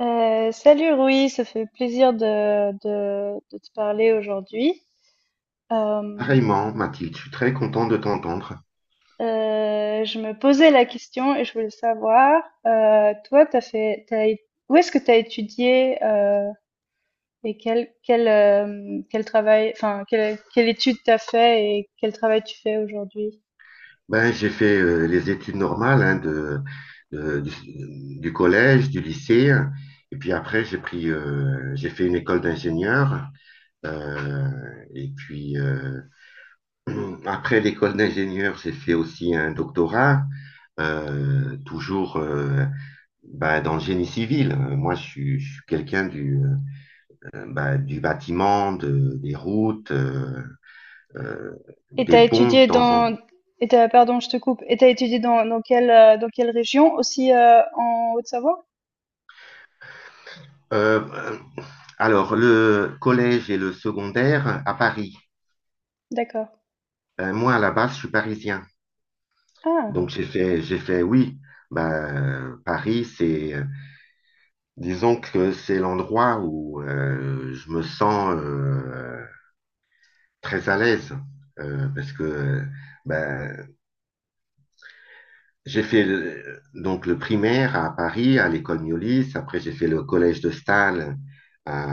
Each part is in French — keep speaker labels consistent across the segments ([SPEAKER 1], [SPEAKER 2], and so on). [SPEAKER 1] Salut Rui, ça fait plaisir de te parler aujourd'hui. Euh,
[SPEAKER 2] Pareillement, Mathilde, je suis très content de t'entendre.
[SPEAKER 1] je me posais la question et je voulais savoir, toi, t'as fait, t'as, é- où est-ce que tu as étudié, et quel travail, enfin, quelle étude t'as fait et quel travail tu fais aujourd'hui?
[SPEAKER 2] J'ai fait les études normales, hein, du collège, du lycée, et puis après j'ai pris, j'ai fait une école d'ingénieur. euh, et puis Après l'école d'ingénieur, j'ai fait aussi un doctorat, toujours ben, dans le génie civil. Moi, je suis quelqu'un ben, du bâtiment, des routes, euh,
[SPEAKER 1] Et
[SPEAKER 2] des
[SPEAKER 1] t'as
[SPEAKER 2] ponts de
[SPEAKER 1] étudié
[SPEAKER 2] temps en
[SPEAKER 1] dans, et t'as, pardon, je te coupe, et t'as étudié dans quelle région? Aussi, en Haute-Savoie?
[SPEAKER 2] Euh, alors, le collège et le secondaire à Paris.
[SPEAKER 1] D'accord.
[SPEAKER 2] Moi, à la base, je suis parisien.
[SPEAKER 1] Ah,
[SPEAKER 2] Donc, j'ai fait, oui, bah, Paris, disons que c'est l'endroit où je me sens très à l'aise. Euh, parce que bah, j'ai fait donc le primaire à Paris, à l'école Miolis. Après, j'ai fait le collège de Stahl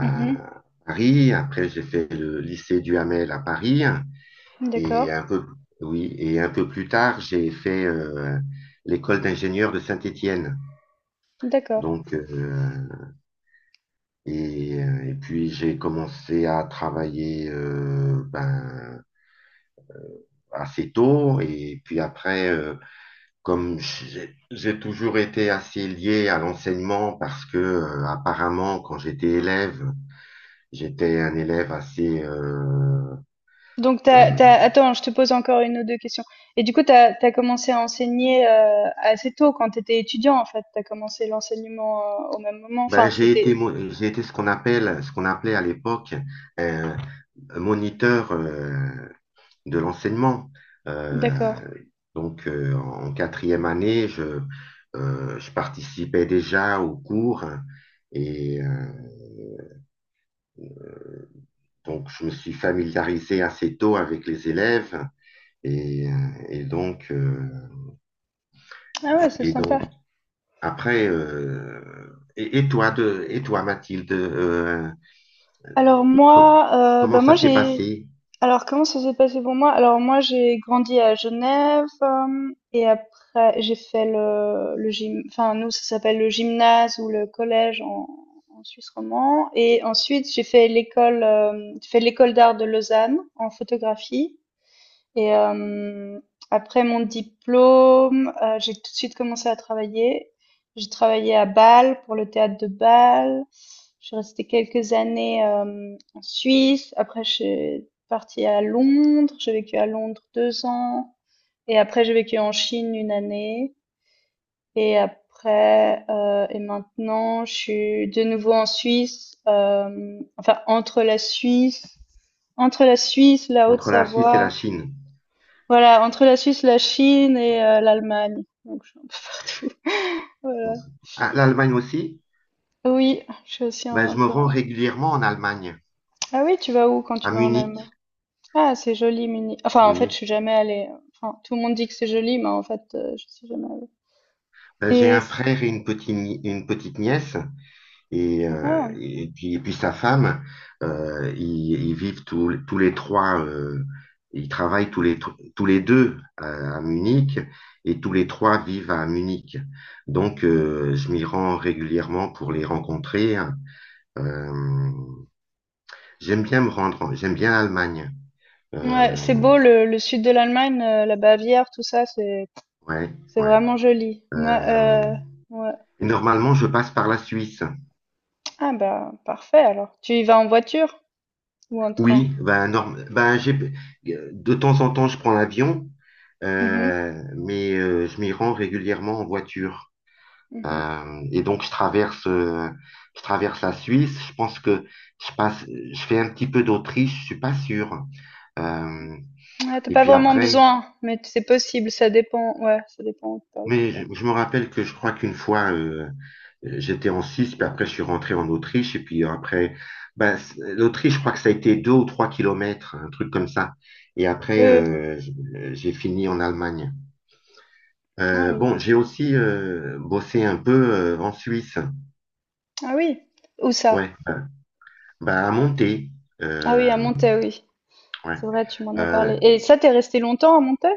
[SPEAKER 1] mhm,
[SPEAKER 2] Paris. Après, j'ai fait le lycée Duhamel à Paris. Et
[SPEAKER 1] d'accord.
[SPEAKER 2] un peu, oui, et un peu plus tard, j'ai fait l'école d'ingénieur de Saint-Étienne.
[SPEAKER 1] D'accord.
[SPEAKER 2] Donc, euh, et puis j'ai commencé à travailler ben, assez tôt. Et puis après, comme j'ai toujours été assez lié à l'enseignement parce que apparemment, quand j'étais élève, j'étais un élève assez
[SPEAKER 1] Donc,
[SPEAKER 2] euh,
[SPEAKER 1] attends, je te pose encore une ou deux questions. Et du coup, t'as commencé à enseigner, assez tôt, quand t'étais étudiant, en fait. T'as commencé l'enseignement, au même moment.
[SPEAKER 2] ben,
[SPEAKER 1] Enfin,
[SPEAKER 2] j'ai été,
[SPEAKER 1] c'était...
[SPEAKER 2] j'ai été ce qu'on appelle, ce qu'on appelait à l'époque un, moniteur de l'enseignement. Euh,
[SPEAKER 1] D'accord.
[SPEAKER 2] donc, en quatrième année, je participais déjà aux cours et euh, donc je me suis familiarisé assez tôt avec les élèves et, euh, et donc euh,
[SPEAKER 1] Ah ouais, c'est
[SPEAKER 2] et
[SPEAKER 1] sympa.
[SPEAKER 2] donc après. Et toi de et toi, Mathilde,
[SPEAKER 1] Alors
[SPEAKER 2] Com-
[SPEAKER 1] moi, bah
[SPEAKER 2] comment
[SPEAKER 1] moi
[SPEAKER 2] ça s'est
[SPEAKER 1] j'ai...
[SPEAKER 2] passé?
[SPEAKER 1] Alors, comment ça s'est passé pour moi? Alors, moi, j'ai grandi à Genève, et après, j'ai fait le gym, enfin, nous, ça s'appelle le gymnase ou le collège en, en Suisse romand. Et ensuite, j'ai fait l'école d'art de Lausanne en photographie. Et après mon diplôme, j'ai tout de suite commencé à travailler. J'ai travaillé à Bâle pour le théâtre de Bâle. Je suis restée quelques années, en Suisse. Après, je suis partie à Londres. J'ai vécu à Londres deux ans. Et après, j'ai vécu en Chine une année. Et après, et maintenant, je suis de nouveau en Suisse. Enfin, la
[SPEAKER 2] Entre la Suisse et
[SPEAKER 1] Haute-Savoie...
[SPEAKER 2] la Chine.
[SPEAKER 1] voilà, entre la Suisse, la Chine et l'Allemagne, donc je suis un peu partout, voilà.
[SPEAKER 2] Ah, l'Allemagne aussi?
[SPEAKER 1] Oui, je suis aussi
[SPEAKER 2] Ben,
[SPEAKER 1] un
[SPEAKER 2] je me
[SPEAKER 1] peu
[SPEAKER 2] rends
[SPEAKER 1] un...
[SPEAKER 2] régulièrement en Allemagne,
[SPEAKER 1] ah oui, tu vas où quand tu
[SPEAKER 2] à
[SPEAKER 1] vas en Allemagne?
[SPEAKER 2] Munich,
[SPEAKER 1] Ah, c'est joli Munich. Enfin, en fait,
[SPEAKER 2] oui.
[SPEAKER 1] je suis jamais allée, enfin, tout le monde dit que c'est joli, mais en fait, je suis jamais allée
[SPEAKER 2] Ben, j'ai
[SPEAKER 1] et
[SPEAKER 2] un
[SPEAKER 1] c...
[SPEAKER 2] frère et une petite, ni- une petite nièce
[SPEAKER 1] ah ah.
[SPEAKER 2] et puis sa femme, ils vivent tous les trois, ils travaillent tous les deux à Munich et tous les trois vivent à Munich. Donc, je m'y rends régulièrement pour les rencontrer. Euh, J'aime bien me rendre, j'aime bien l'Allemagne.
[SPEAKER 1] Ouais,
[SPEAKER 2] Euh,
[SPEAKER 1] c'est beau le sud de l'Allemagne, la Bavière, tout ça, c'est
[SPEAKER 2] ouais,
[SPEAKER 1] c'est
[SPEAKER 2] ouais.
[SPEAKER 1] vraiment joli. Moi,
[SPEAKER 2] Euh,
[SPEAKER 1] ouais.
[SPEAKER 2] Normalement, je passe par la Suisse.
[SPEAKER 1] Ah bah, parfait alors. Tu y vas en voiture ou en train?
[SPEAKER 2] Oui, de temps en temps, je prends l'avion,
[SPEAKER 1] Mmh mh.
[SPEAKER 2] mais je m'y rends régulièrement en voiture.
[SPEAKER 1] Mmh.
[SPEAKER 2] Et donc, je traverse la Suisse. Je pense que je fais un petit peu d'Autriche, je suis pas sûr. Euh,
[SPEAKER 1] Ouais, t'as
[SPEAKER 2] et
[SPEAKER 1] pas
[SPEAKER 2] puis
[SPEAKER 1] vraiment
[SPEAKER 2] après,
[SPEAKER 1] besoin, mais c'est possible, ça dépend. Ouais, ça dépend par où tu
[SPEAKER 2] Mais
[SPEAKER 1] passes.
[SPEAKER 2] je me rappelle que je crois qu'une fois, j'étais en Suisse, puis après, je suis rentré en Autriche, et puis après, ben, l'Autriche, je crois que ça a été deux ou trois kilomètres, un truc comme ça. Et
[SPEAKER 1] Oui,
[SPEAKER 2] après,
[SPEAKER 1] oui.
[SPEAKER 2] j'ai fini en Allemagne.
[SPEAKER 1] Ah oui.
[SPEAKER 2] Bon, j'ai aussi bossé un peu en Suisse.
[SPEAKER 1] Ah oui. Où ça?
[SPEAKER 2] Ouais, à monter.
[SPEAKER 1] Ah oui, à
[SPEAKER 2] Euh,
[SPEAKER 1] Montaix, oui.
[SPEAKER 2] ouais.
[SPEAKER 1] C'est vrai, tu m'en as
[SPEAKER 2] Euh,
[SPEAKER 1] parlé. Et ça, t'es resté longtemps à Montaix?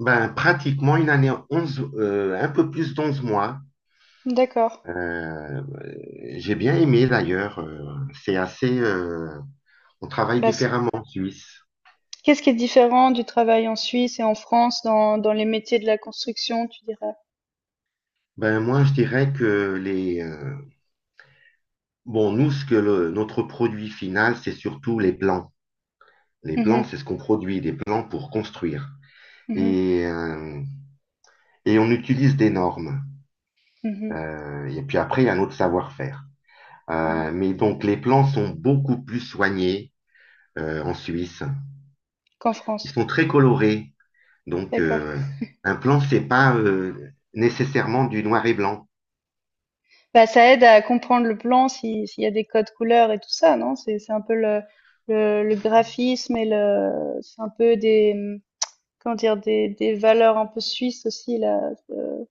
[SPEAKER 2] ben, pratiquement une année, 11 un peu plus d'onze mois.
[SPEAKER 1] D'accord.
[SPEAKER 2] Euh, j'ai bien aimé d'ailleurs. C'est assez. On travaille
[SPEAKER 1] Bah, c-
[SPEAKER 2] différemment en Suisse.
[SPEAKER 1] Qu'est-ce qui est différent du travail en Suisse et en France dans, dans les métiers de la construction, tu dirais?
[SPEAKER 2] Je dirais que les bon, nous, ce que notre produit final, c'est surtout les plans. Les plans,
[SPEAKER 1] Mhm,
[SPEAKER 2] c'est ce qu'on produit, des plans pour construire.
[SPEAKER 1] mhm,
[SPEAKER 2] Et euh, et on utilise des normes.
[SPEAKER 1] mhm,
[SPEAKER 2] Et puis après, il y a notre savoir-faire.
[SPEAKER 1] mhm. Mhm.
[SPEAKER 2] Mais donc les plans sont beaucoup plus soignés en Suisse.
[SPEAKER 1] Qu'en
[SPEAKER 2] Ils
[SPEAKER 1] France.
[SPEAKER 2] sont très colorés. Donc
[SPEAKER 1] D'accord.
[SPEAKER 2] euh, un plan, c'est pas nécessairement du noir et blanc.
[SPEAKER 1] Bah, ça aide à comprendre le plan si s'il y a des codes couleurs et tout ça, non? C'est un peu le le graphisme et le... c'est un peu des comment dire, des valeurs un peu suisses aussi là. Euh,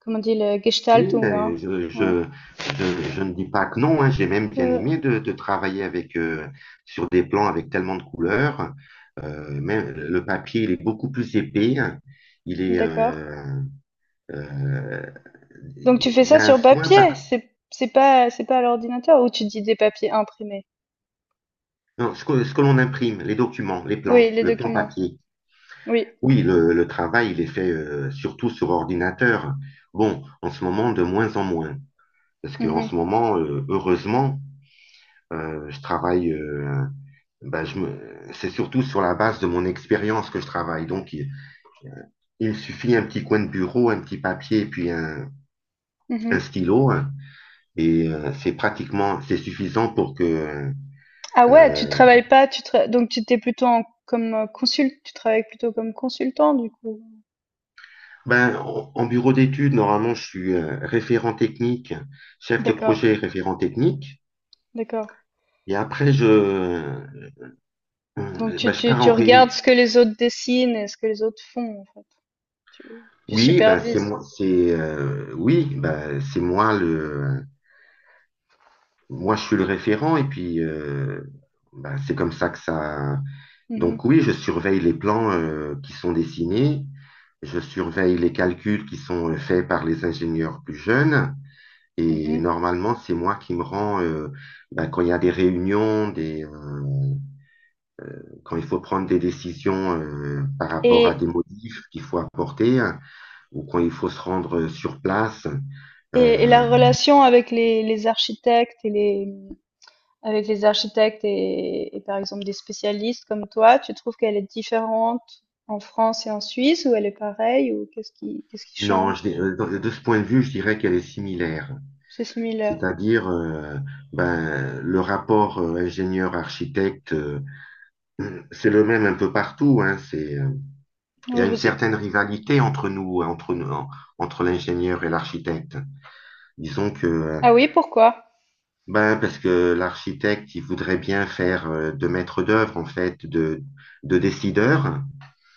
[SPEAKER 1] comment on dit le
[SPEAKER 2] Oui,
[SPEAKER 1] Gestaltung, hein?
[SPEAKER 2] ben,
[SPEAKER 1] Ouais.
[SPEAKER 2] je ne dis pas que non, hein. J'ai même bien
[SPEAKER 1] Euh,
[SPEAKER 2] aimé de travailler avec, sur des plans avec tellement de couleurs. Même le papier, il est beaucoup plus épais. Il est,
[SPEAKER 1] d'accord.
[SPEAKER 2] euh, euh,
[SPEAKER 1] Donc tu fais
[SPEAKER 2] il y
[SPEAKER 1] ça
[SPEAKER 2] a un
[SPEAKER 1] sur
[SPEAKER 2] soin
[SPEAKER 1] papier,
[SPEAKER 2] par…
[SPEAKER 1] c'est pas à l'ordinateur ou tu dis des papiers imprimés.
[SPEAKER 2] Non, ce que l'on imprime, les documents, les plans,
[SPEAKER 1] Oui, les
[SPEAKER 2] le plan
[SPEAKER 1] documents.
[SPEAKER 2] papier.
[SPEAKER 1] Oui.
[SPEAKER 2] Oui, le travail, il est fait surtout sur ordinateur. Bon, en ce moment, de moins en moins. Parce qu'en ce
[SPEAKER 1] Mhm,
[SPEAKER 2] moment, heureusement, je travaille. Bah, je me... c'est surtout sur la base de mon expérience que je travaille. Donc, il me suffit un petit coin de bureau, un petit papier, un
[SPEAKER 1] mhm.
[SPEAKER 2] stylo, hein. Et c'est suffisant pour que…
[SPEAKER 1] Ah ouais, tu
[SPEAKER 2] euh,
[SPEAKER 1] travailles pas, tu tra- donc tu t'es plutôt en- comme consul, tu travailles plutôt comme consultant du coup.
[SPEAKER 2] ben, en bureau d'études, normalement, je suis chef de
[SPEAKER 1] D'accord,
[SPEAKER 2] projet et référent technique.
[SPEAKER 1] d'accord.
[SPEAKER 2] Et après,
[SPEAKER 1] Donc tu,
[SPEAKER 2] ben, je
[SPEAKER 1] tu,
[SPEAKER 2] pars
[SPEAKER 1] tu
[SPEAKER 2] en réunion.
[SPEAKER 1] regardes ce que les autres dessinent et ce que les autres font, en fait. Tu, tu
[SPEAKER 2] Oui, ben,
[SPEAKER 1] supervises.
[SPEAKER 2] oui, ben, moi, je suis le référent et puis ben, c'est comme ça que ça. Donc
[SPEAKER 1] Mhm,
[SPEAKER 2] oui, je surveille les plans qui sont dessinés, je surveille les calculs qui sont faits par les ingénieurs plus jeunes et
[SPEAKER 1] mhm.
[SPEAKER 2] normalement c'est moi qui me rends ben, quand il y a des réunions, des quand il faut prendre des décisions par rapport à des
[SPEAKER 1] Et,
[SPEAKER 2] modifs qu'il faut apporter, hein, ou quand il faut se rendre sur place.
[SPEAKER 1] et
[SPEAKER 2] Euh,
[SPEAKER 1] la relation avec les architectes et les, avec les architectes et par exemple des spécialistes comme toi, tu trouves qu'elle est différente en France et en Suisse ou elle est pareille ou qu'est-ce qui
[SPEAKER 2] non, je,
[SPEAKER 1] change?
[SPEAKER 2] dis- euh, de ce point de vue, je dirais qu'elle est similaire.
[SPEAKER 1] C'est similaire.
[SPEAKER 2] C'est-à-dire, ben, le rapport ingénieur-architecte, c'est le même un peu partout, hein. Il y
[SPEAKER 1] Oui,
[SPEAKER 2] a une
[SPEAKER 1] vous êtes-
[SPEAKER 2] certaine rivalité entre nous, hein, entre l'ingénieur et l'architecte. Disons que,
[SPEAKER 1] ah oui, pourquoi?
[SPEAKER 2] ben, parce que l'architecte, il voudrait bien faire de maître d'œuvre, en fait, de décideur.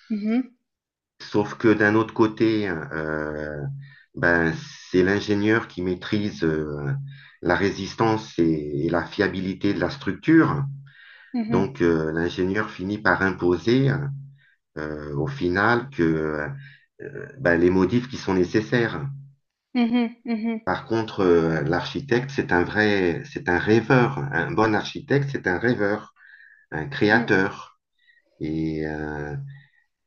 [SPEAKER 1] Mhm,
[SPEAKER 2] Sauf que d'un autre côté, ben, c'est l'ingénieur qui maîtrise la résistance et la fiabilité de la structure.
[SPEAKER 1] mhm,
[SPEAKER 2] Donc, l'ingénieur finit par imposer au final que ben, les modifs qui sont nécessaires.
[SPEAKER 1] mhm, mhm,
[SPEAKER 2] Par contre, l'architecte, c'est un vrai, c'est un rêveur. Un bon architecte, c'est un rêveur, un
[SPEAKER 1] mhm.
[SPEAKER 2] créateur. Et, euh,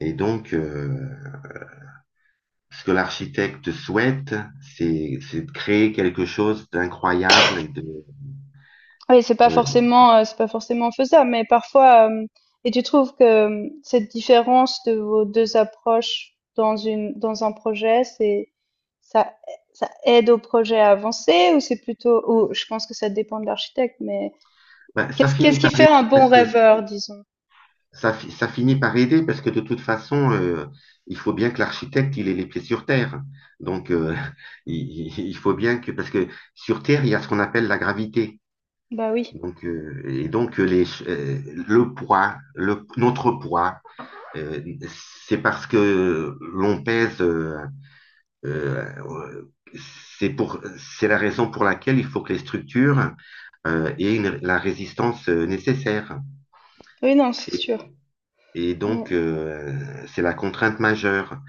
[SPEAKER 2] et donc, ce que l'architecte souhaite, c'est de créer quelque chose d'incroyable et de.
[SPEAKER 1] Oui,
[SPEAKER 2] euh,
[SPEAKER 1] c'est pas forcément faisable, mais parfois. Et tu trouves que cette différence de vos deux approches dans un projet, c'est, ça, ça aide au projet à avancer ou c'est plutôt, ou je pense que ça dépend de l'architecte, mais
[SPEAKER 2] ben, ça finit
[SPEAKER 1] qu'est-ce qui
[SPEAKER 2] par
[SPEAKER 1] fait un bon
[SPEAKER 2] parce que
[SPEAKER 1] rêveur, disons?
[SPEAKER 2] Ça, ça finit par aider parce que de toute façon, il faut bien que l'architecte, il ait les pieds sur terre. Donc, il faut bien que, parce que sur Terre, il y a ce qu'on appelle la gravité.
[SPEAKER 1] Bah oui,
[SPEAKER 2] Donc, euh, et donc euh, les, ch- euh, le poids, notre poids, euh, c'est parce que l'on pèse. Euh, euh, c'est la raison pour laquelle il faut que les structures aient la résistance nécessaire.
[SPEAKER 1] oui, non, c'est sûr.
[SPEAKER 2] Et donc,
[SPEAKER 1] Mm,
[SPEAKER 2] c'est la contrainte majeure.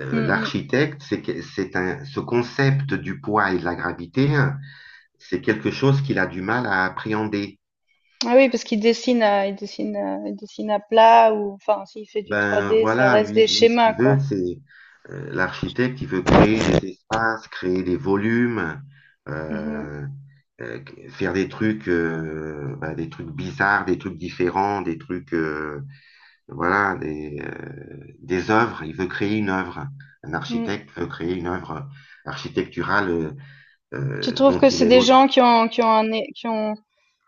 [SPEAKER 1] mm, mm.
[SPEAKER 2] L'architecte, c'est que- c'est un, ce concept du poids et de la gravité, hein, c'est quelque chose qu'il a du mal à appréhender.
[SPEAKER 1] Ah oui, parce qu'il dessine à, il dessine à plat ou, enfin, s'il fait du
[SPEAKER 2] Ben
[SPEAKER 1] 3D, ça
[SPEAKER 2] voilà,
[SPEAKER 1] reste des
[SPEAKER 2] lui ce
[SPEAKER 1] schémas,
[SPEAKER 2] qu'il
[SPEAKER 1] quoi.
[SPEAKER 2] veut, c'est l'architecte, il veut créer des espaces, créer des volumes,
[SPEAKER 1] Mhm,
[SPEAKER 2] euh, euh, faire des trucs, ben, des trucs bizarres, des trucs différents, des trucs. Voilà, des œuvres. Il veut créer une œuvre. Un
[SPEAKER 1] mm.
[SPEAKER 2] architecte veut créer une œuvre architecturale,
[SPEAKER 1] Tu trouves
[SPEAKER 2] dont
[SPEAKER 1] que
[SPEAKER 2] il
[SPEAKER 1] c'est
[SPEAKER 2] est
[SPEAKER 1] des
[SPEAKER 2] l'autre.
[SPEAKER 1] gens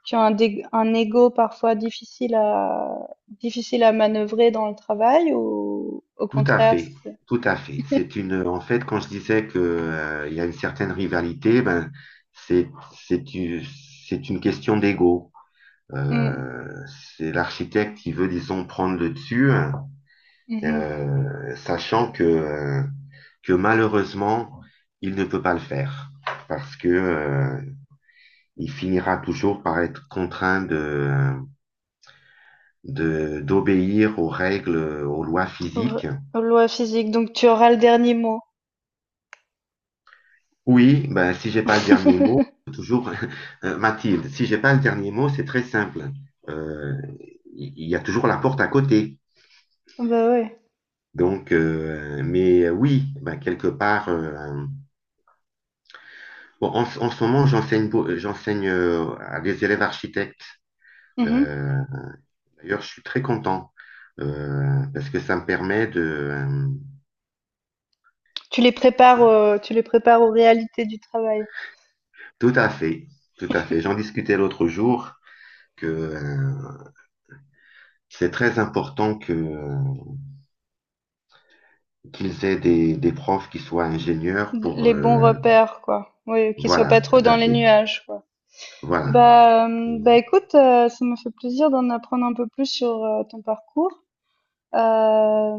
[SPEAKER 1] qui ont un, dé- un ego parfois difficile à, difficile à manœuvrer dans le travail ou au
[SPEAKER 2] Tout à
[SPEAKER 1] contraire,
[SPEAKER 2] fait,
[SPEAKER 1] c'est-
[SPEAKER 2] tout à fait. C'est une, en fait, quand je disais que il y a une certaine rivalité, ben c'est c'est une c'est une question d'ego.
[SPEAKER 1] mm,
[SPEAKER 2] Euh, c'est l'architecte qui veut, disons, prendre le dessus, hein,
[SPEAKER 1] mhm.
[SPEAKER 2] sachant que que malheureusement il ne peut pas le faire parce que il finira toujours par être contraint d'obéir aux règles, aux lois
[SPEAKER 1] Re-
[SPEAKER 2] physiques.
[SPEAKER 1] loi physique, donc tu auras le dernier mot.
[SPEAKER 2] Oui, ben, si j'ai pas le dernier mot, toujours, Mathilde, si j'ai pas le dernier mot, c'est très simple. Euh, Il y a toujours la porte à côté.
[SPEAKER 1] Bah ouais.
[SPEAKER 2] Donc, oui, ben, quelque part, bon, en ce moment, j'enseigne, j'enseigne à des élèves architectes.
[SPEAKER 1] Mhm.
[SPEAKER 2] Euh, D'ailleurs, je suis très content parce que ça me permet de…
[SPEAKER 1] Tu les prépares aux réalités du travail.
[SPEAKER 2] Tout à fait, tout à fait. J'en discutais l'autre jour que c'est très important que qu'ils aient des profs qui soient ingénieurs
[SPEAKER 1] D-
[SPEAKER 2] pour
[SPEAKER 1] Les bons repères, quoi. Oui, qu'ils soient pas
[SPEAKER 2] voilà,
[SPEAKER 1] trop
[SPEAKER 2] tout
[SPEAKER 1] dans
[SPEAKER 2] à
[SPEAKER 1] les
[SPEAKER 2] fait.
[SPEAKER 1] nuages, quoi.
[SPEAKER 2] Voilà.
[SPEAKER 1] Bah écoute, ça me fait plaisir d'en apprendre un peu plus sur ton parcours. Euh,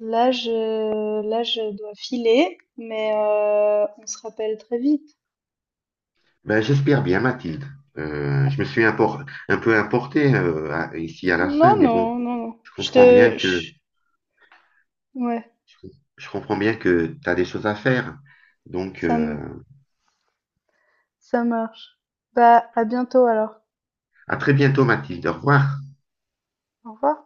[SPEAKER 1] là, je dois filer, mais on se rappelle très vite.
[SPEAKER 2] Ben, j'espère bien, Mathilde. Je me suis un peu importé ici à la
[SPEAKER 1] Non,
[SPEAKER 2] fin, mais
[SPEAKER 1] non,
[SPEAKER 2] bon,
[SPEAKER 1] non, non.
[SPEAKER 2] je
[SPEAKER 1] Je te,
[SPEAKER 2] comprends bien que
[SPEAKER 1] je- ouais,
[SPEAKER 2] je comprends bien que tu as des choses à faire. Donc,
[SPEAKER 1] ça me, ça marche. Bah, à bientôt alors.
[SPEAKER 2] à très bientôt, Mathilde. Au revoir.
[SPEAKER 1] Au revoir.